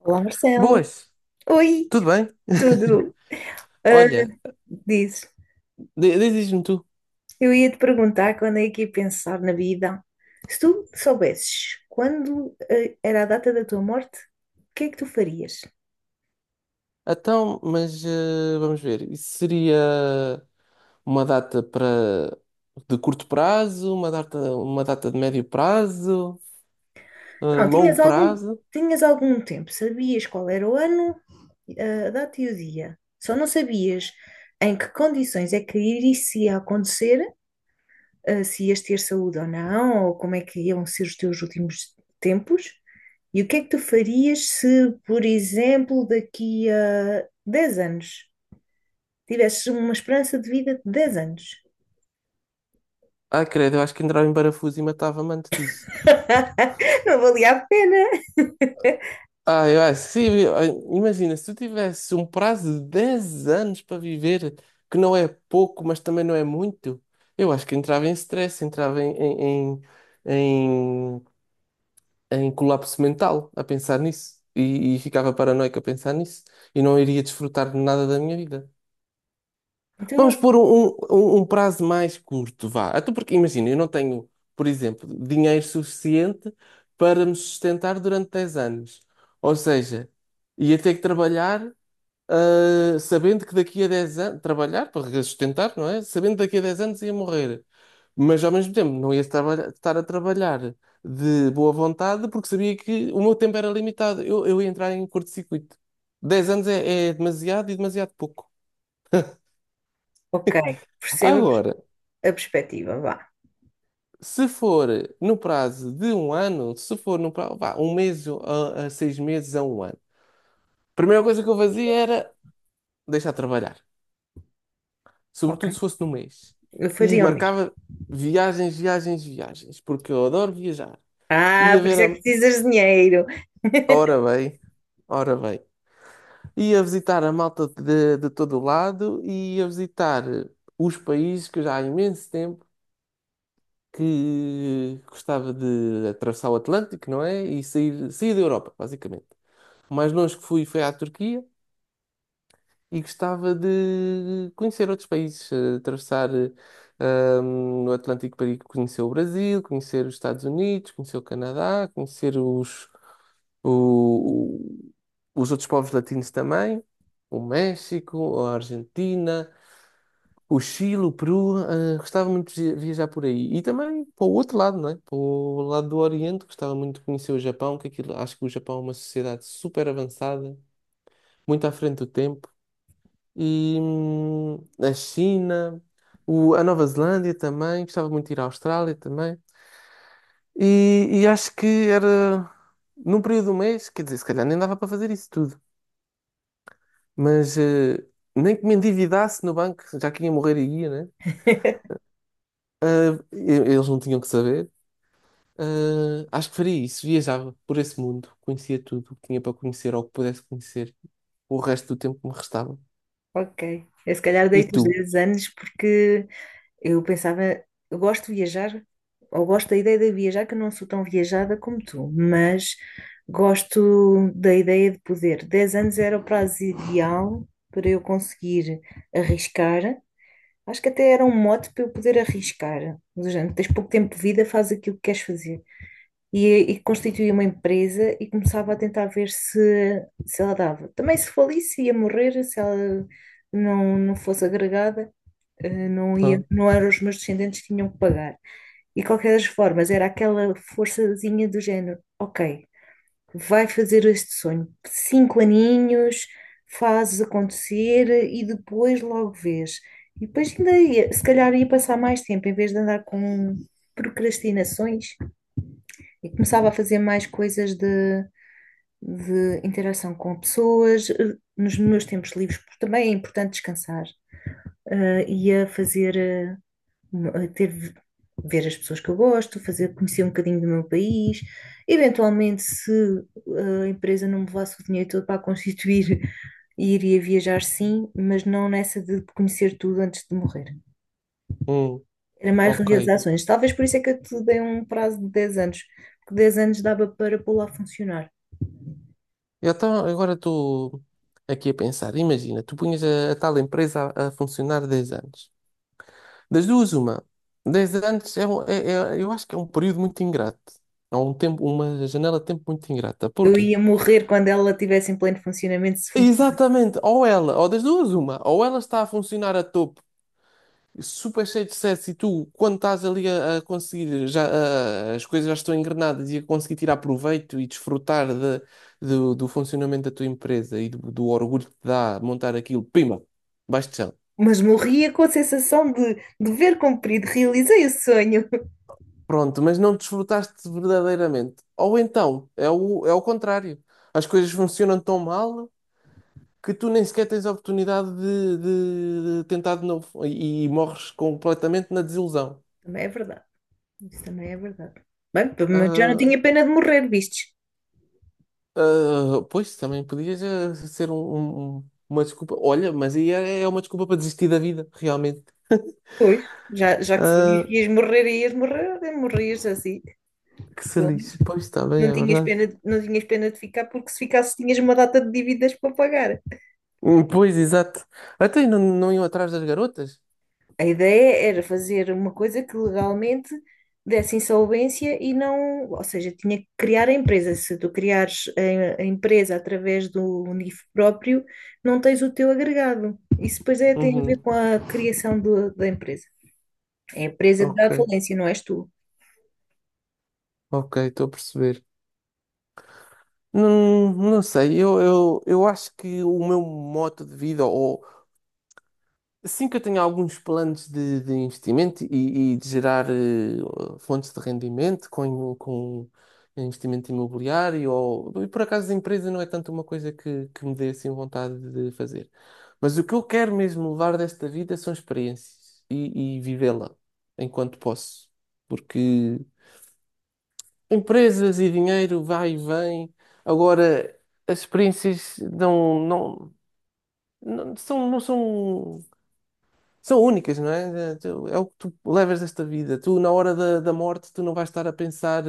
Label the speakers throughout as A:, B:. A: Olá, Marcelo.
B: Boas,
A: Oi,
B: tudo bem?
A: tudo? Ah,
B: Olha,
A: dizes,
B: diz-me tu.
A: eu ia te perguntar quando é que ia pensar na vida. Se tu soubesses quando era a data da tua morte, o que é que tu farias?
B: Então, mas vamos ver. Isso seria uma data para de curto prazo, uma data de médio prazo,
A: Não,
B: longo prazo.
A: tinhas algum tempo, sabias qual era o ano, a data e o dia. Só não sabias em que condições é que iria acontecer, se ias ter saúde ou não, ou como é que iam ser os teus últimos tempos. E o que é que tu farias se, por exemplo, daqui a 10 anos tivesses uma esperança de vida de 10 anos?
B: Ah, credo, eu acho que entrava em parafuso e matava-me antes disso.
A: Não valia a pena.
B: Ah, eu acho que sim. Imagina, se tu tivesse um prazo de 10 anos para viver, que não é pouco, mas também não é muito, eu acho que entrava em stress, entrava em em colapso mental a pensar nisso. E ficava paranoico a pensar nisso. E não iria desfrutar de nada da minha vida.
A: Então,
B: Vamos pôr um prazo mais curto, vá. Até porque, imagina, eu não tenho, por exemplo, dinheiro suficiente para me sustentar durante 10 anos. Ou seja, ia ter que trabalhar sabendo que daqui a 10 anos, trabalhar para sustentar, não é? Sabendo que daqui a 10 anos ia morrer. Mas ao mesmo tempo não ia estar a trabalhar de boa vontade porque sabia que o meu tempo era limitado. Eu ia entrar em curto-circuito. 10 anos é, é demasiado e demasiado pouco.
A: ok, perceba a pers-
B: Agora,
A: a perspectiva, vá.
B: se for no prazo de um ano, se for no prazo, vá, um mês a 6 meses a um ano, a primeira coisa que eu fazia era deixar de trabalhar.
A: Ok,
B: Sobretudo se fosse no mês.
A: eu
B: E
A: faria o mesmo.
B: marcava viagens, viagens, viagens, porque eu adoro viajar.
A: Ah,
B: Ia
A: por
B: ver
A: isso é
B: a...
A: que precisas de dinheiro.
B: Ora bem, ora bem. Ia visitar a malta de todo o lado e ia visitar os países que eu já há imenso tempo que gostava de atravessar o Atlântico, não é? E sair, sair da Europa, basicamente. O mais longe que fui foi à Turquia. E gostava de conhecer outros países, atravessar o Atlântico para ir conhecer o Brasil, conhecer os Estados Unidos, conhecer o Canadá, conhecer o- o- os outros povos latinos também, o México, a Argentina, o Chile, o Peru. Eh, gostava muito de viajar por aí. E também para o outro lado, não é? Para o lado do Oriente, gostava muito de conhecer o Japão, que aquilo, acho que o Japão é uma sociedade super avançada, muito à frente do tempo e a China, a Nova Zelândia também, gostava muito de ir à Austrália também. E acho que era num período do mês, quer dizer, se calhar nem dava para fazer isso tudo, mas nem que me endividasse no banco, já que ia morrer e ia, né? Ah, eles não tinham que saber. Ah, acho que faria isso, viajava por esse mundo, conhecia tudo o que tinha para conhecer ou que pudesse conhecer o resto do tempo que me restava.
A: Ok, eu se calhar
B: E
A: deito os
B: tu?
A: 10 anos porque eu pensava, eu gosto de viajar, ou gosto da ideia de viajar, que eu não sou tão viajada como tu, mas gosto da ideia de poder. 10 anos era o prazo ideal para eu conseguir arriscar. Acho que até era um mote para eu poder arriscar. Do género, tens pouco tempo de vida, faz aquilo que queres fazer. E constituí uma empresa e começava a tentar ver se ela dava. Também se falisse, ia morrer, se ela não fosse agregada não ia,
B: Ah,
A: não eram os meus descendentes que tinham que pagar. E de qualquer das formas, era aquela forçazinha do género, ok, vai fazer este sonho, cinco aninhos, fazes acontecer e depois logo vês. E depois ainda ia, se calhar ia passar mais tempo, em vez de andar com procrastinações, e começava a fazer mais coisas de interação com pessoas, nos meus tempos livres, porque também é importante descansar, eh, ia fazer eh, ter, ver as pessoas que eu gosto, fazer, conhecer um bocadinho do meu país. Eventualmente, se a empresa não me levasse o dinheiro todo para a constituir, iria viajar sim, mas não nessa de conhecer tudo antes de morrer.
B: hum,
A: Era mais
B: ok.
A: realizações. Talvez por isso é que eu te dei um prazo de 10 anos, porque 10 anos dava para pô-la a funcionar.
B: Eu então, agora estou aqui a pensar, imagina, tu punhas a tal empresa a funcionar 10 anos. Das duas, uma. 10 anos é, eu acho que é um período muito ingrato. É um tempo, uma janela de tempo muito ingrata.
A: Eu
B: Porquê?
A: ia morrer quando ela estivesse em pleno funcionamento, se funcionasse.
B: Exatamente, ou ela, ou das duas, uma, ou ela está a funcionar a topo super cheio de sucesso e tu, quando estás ali a conseguir, já, as coisas já estão engrenadas e a conseguir tirar proveito e desfrutar do funcionamento da tua empresa e do orgulho que te dá montar aquilo, pima, baixo de chão.
A: Mas morria com a sensação de dever cumprido, realizei o sonho.
B: Pronto, mas não desfrutaste verdadeiramente. Ou então, é o contrário. As coisas funcionam tão mal que tu nem sequer tens a oportunidade de tentar de novo e morres completamente na desilusão.
A: Também é verdade. Isso também é verdade. Bem, pelo menos já não
B: Ah,
A: tinha pena de morrer, vistes?
B: Ah, pois, também podia já ser uma desculpa. Olha, mas aí é, é uma desculpa para desistir da vida, realmente.
A: Pois, já que sabias
B: Ah,
A: que ias morrer e ias morrer, olha, morrias assim.
B: que se
A: Pelo menos
B: lixe. Pois, está bem,
A: não
B: é
A: tinhas
B: verdade.
A: pena, não tinhas pena de ficar, porque se ficasses tinhas uma data de dívidas para pagar.
B: Pois, exato. Até não iam atrás das garotas?
A: A ideia era fazer uma coisa que legalmente desse insolvência e não, ou seja, tinha que criar a empresa. Se tu criares a empresa através do NIF próprio, não tens o teu agregado. Isso depois é, tem a ver
B: Uhum.
A: com a criação da empresa. É a presa
B: Ok,
A: da falência, não és tu.
B: ok, estou a perceber. Não, não sei, eu acho que o meu modo de vida, sim que eu tenho alguns planos de investimento e de gerar fontes de rendimento com investimento imobiliário ou e por acaso a empresa não é tanto uma coisa que me dê assim vontade de fazer. Mas o que eu quero mesmo levar desta vida são experiências e vivê-la enquanto posso. Porque empresas e dinheiro vai e vem. Agora, as experiências não são únicas, não é? É é o que tu levas desta vida. Tu, na hora da morte, tu não vais estar a pensar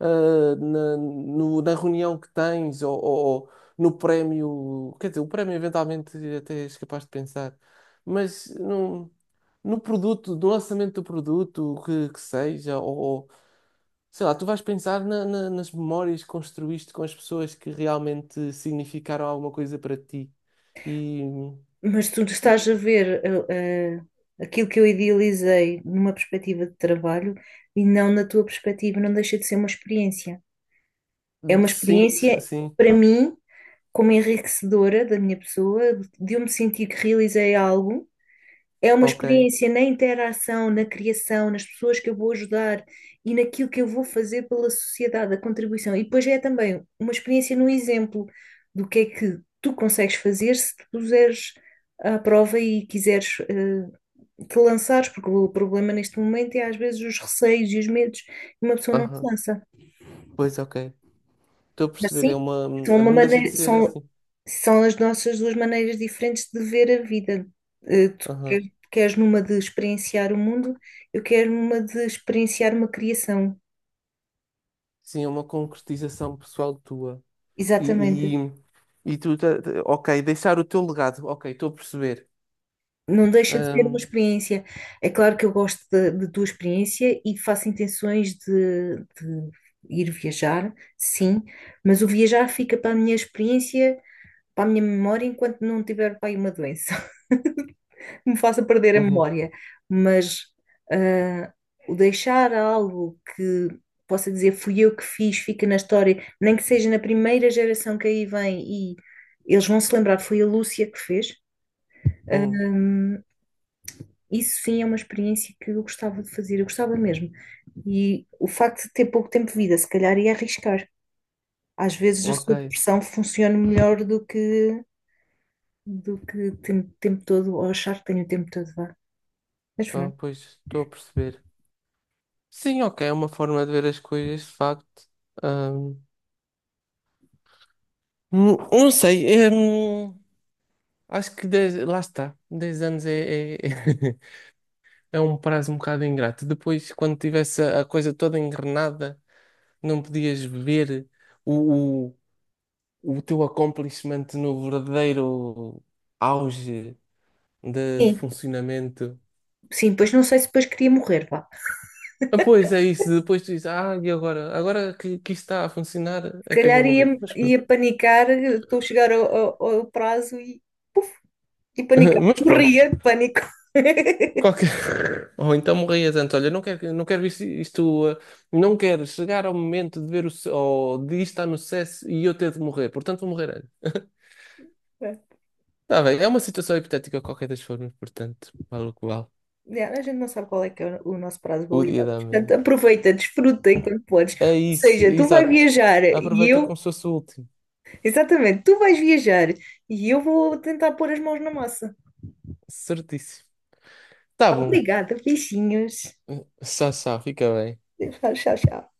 B: eh, na, no- na reunião que tens, ou ou no prémio. Quer dizer, o prémio eventualmente até és capaz de pensar, mas no produto, no lançamento do produto, o que seja, ou sei lá, tu vais pensar nas memórias que construíste com as pessoas que realmente significaram alguma coisa para ti. E
A: Mas tu estás a ver eh, eh, aquilo que eu idealizei numa perspectiva de trabalho e não na tua perspectiva, não deixa de ser uma experiência. É uma
B: sim,
A: experiência,
B: sim,
A: para mim, como enriquecedora da minha pessoa, de eu me sentir que realizei algo. É uma
B: ok.
A: experiência na interação, na criação, nas pessoas que eu vou ajudar e naquilo que eu vou fazer pela sociedade, a contribuição. E depois é também uma experiência no exemplo do que é que tu consegues fazer se te puseres à prova e quiseres te lançares, porque o problema neste momento é às vezes os receios e os medos, e uma pessoa não se
B: Aham.
A: lança.
B: Pois, ok. Estou a perceber, é
A: Assim,
B: uma.
A: são uma
B: Não deixa de
A: maneira,
B: ser
A: são,
B: assim.
A: são as nossas duas maneiras diferentes de ver a vida. Eh, Tu quer-
B: Aham.
A: queres numa de experienciar o mundo, eu quero uma de experienciar uma criação.
B: Sim, é uma concretização pessoal tua. E,
A: Exatamente.
B: e, e tu? Ok, deixar o teu legado. Ok, estou a perceber.
A: Não deixa de ser uma
B: Ahm,
A: experiência. É claro que eu gosto da tua experiência e faço intenções de ir viajar, sim, mas o viajar fica para a minha experiência, para a minha memória, enquanto não tiver para aí uma doença que me faça perder a
B: uhum,
A: memória, mas ah, o deixar algo que possa dizer fui eu que fiz, fica na história, nem que seja na primeira geração que aí vem e eles vão se lembrar, foi a Lúcia que fez.
B: uhum,
A: Isso sim é uma experiência que eu gostava de fazer, eu gostava mesmo. E o facto de ter pouco tempo de vida, se calhar ia arriscar. Às vezes a
B: ok.
A: sua pressão funciona melhor do que ter o tempo todo, ou achar que tenho o tempo todo, vá. Mas
B: Ah,
A: pronto.
B: pois, estou a perceber. Sim, ok, é uma forma de ver as coisas, de facto. Ahm, não não sei. Acho que lá está. 10 anos é, é, é um prazo um bocado ingrato. Depois, quando tivesse a coisa toda engrenada. Não podias ver o, o, o teu accomplishment no verdadeiro auge de
A: Sim,
B: funcionamento.
A: sim, pois não sei se depois queria morrer, vá.
B: Ah, pois é isso, depois tu dizes, ah, e agora? Agora que isto está a funcionar
A: Se
B: é que eu
A: calhar
B: vou morrer. Mas pronto.
A: ia panicar, estou a chegar ao, ao prazo e panicar.
B: Mas pronto.
A: Morria de pânico.
B: Qualquer... Ou então morrias antes. Olha, não quero isto, não quero chegar ao momento de ver ou de isto estar no sucesso e eu ter de morrer. Portanto, vou morrer antes. Está bem, é uma situação hipotética de qualquer das formas, portanto, vale o que vale.
A: Yeah, a gente não sabe qual é que é o nosso prazo de
B: O dia
A: validade.
B: da
A: Portanto,
B: manhã.
A: aproveita, desfruta enquanto podes.
B: É
A: Ou
B: isso,
A: seja, tu vais
B: exato.
A: viajar e
B: Aproveita
A: eu.
B: como se fosse o último.
A: Exatamente, tu vais viajar e eu vou tentar pôr as mãos na massa.
B: Certíssimo. Tá bom.
A: Obrigada, beijinhos.
B: Tchau, tchau. Fica bem.
A: Tchau, tchau, tchau.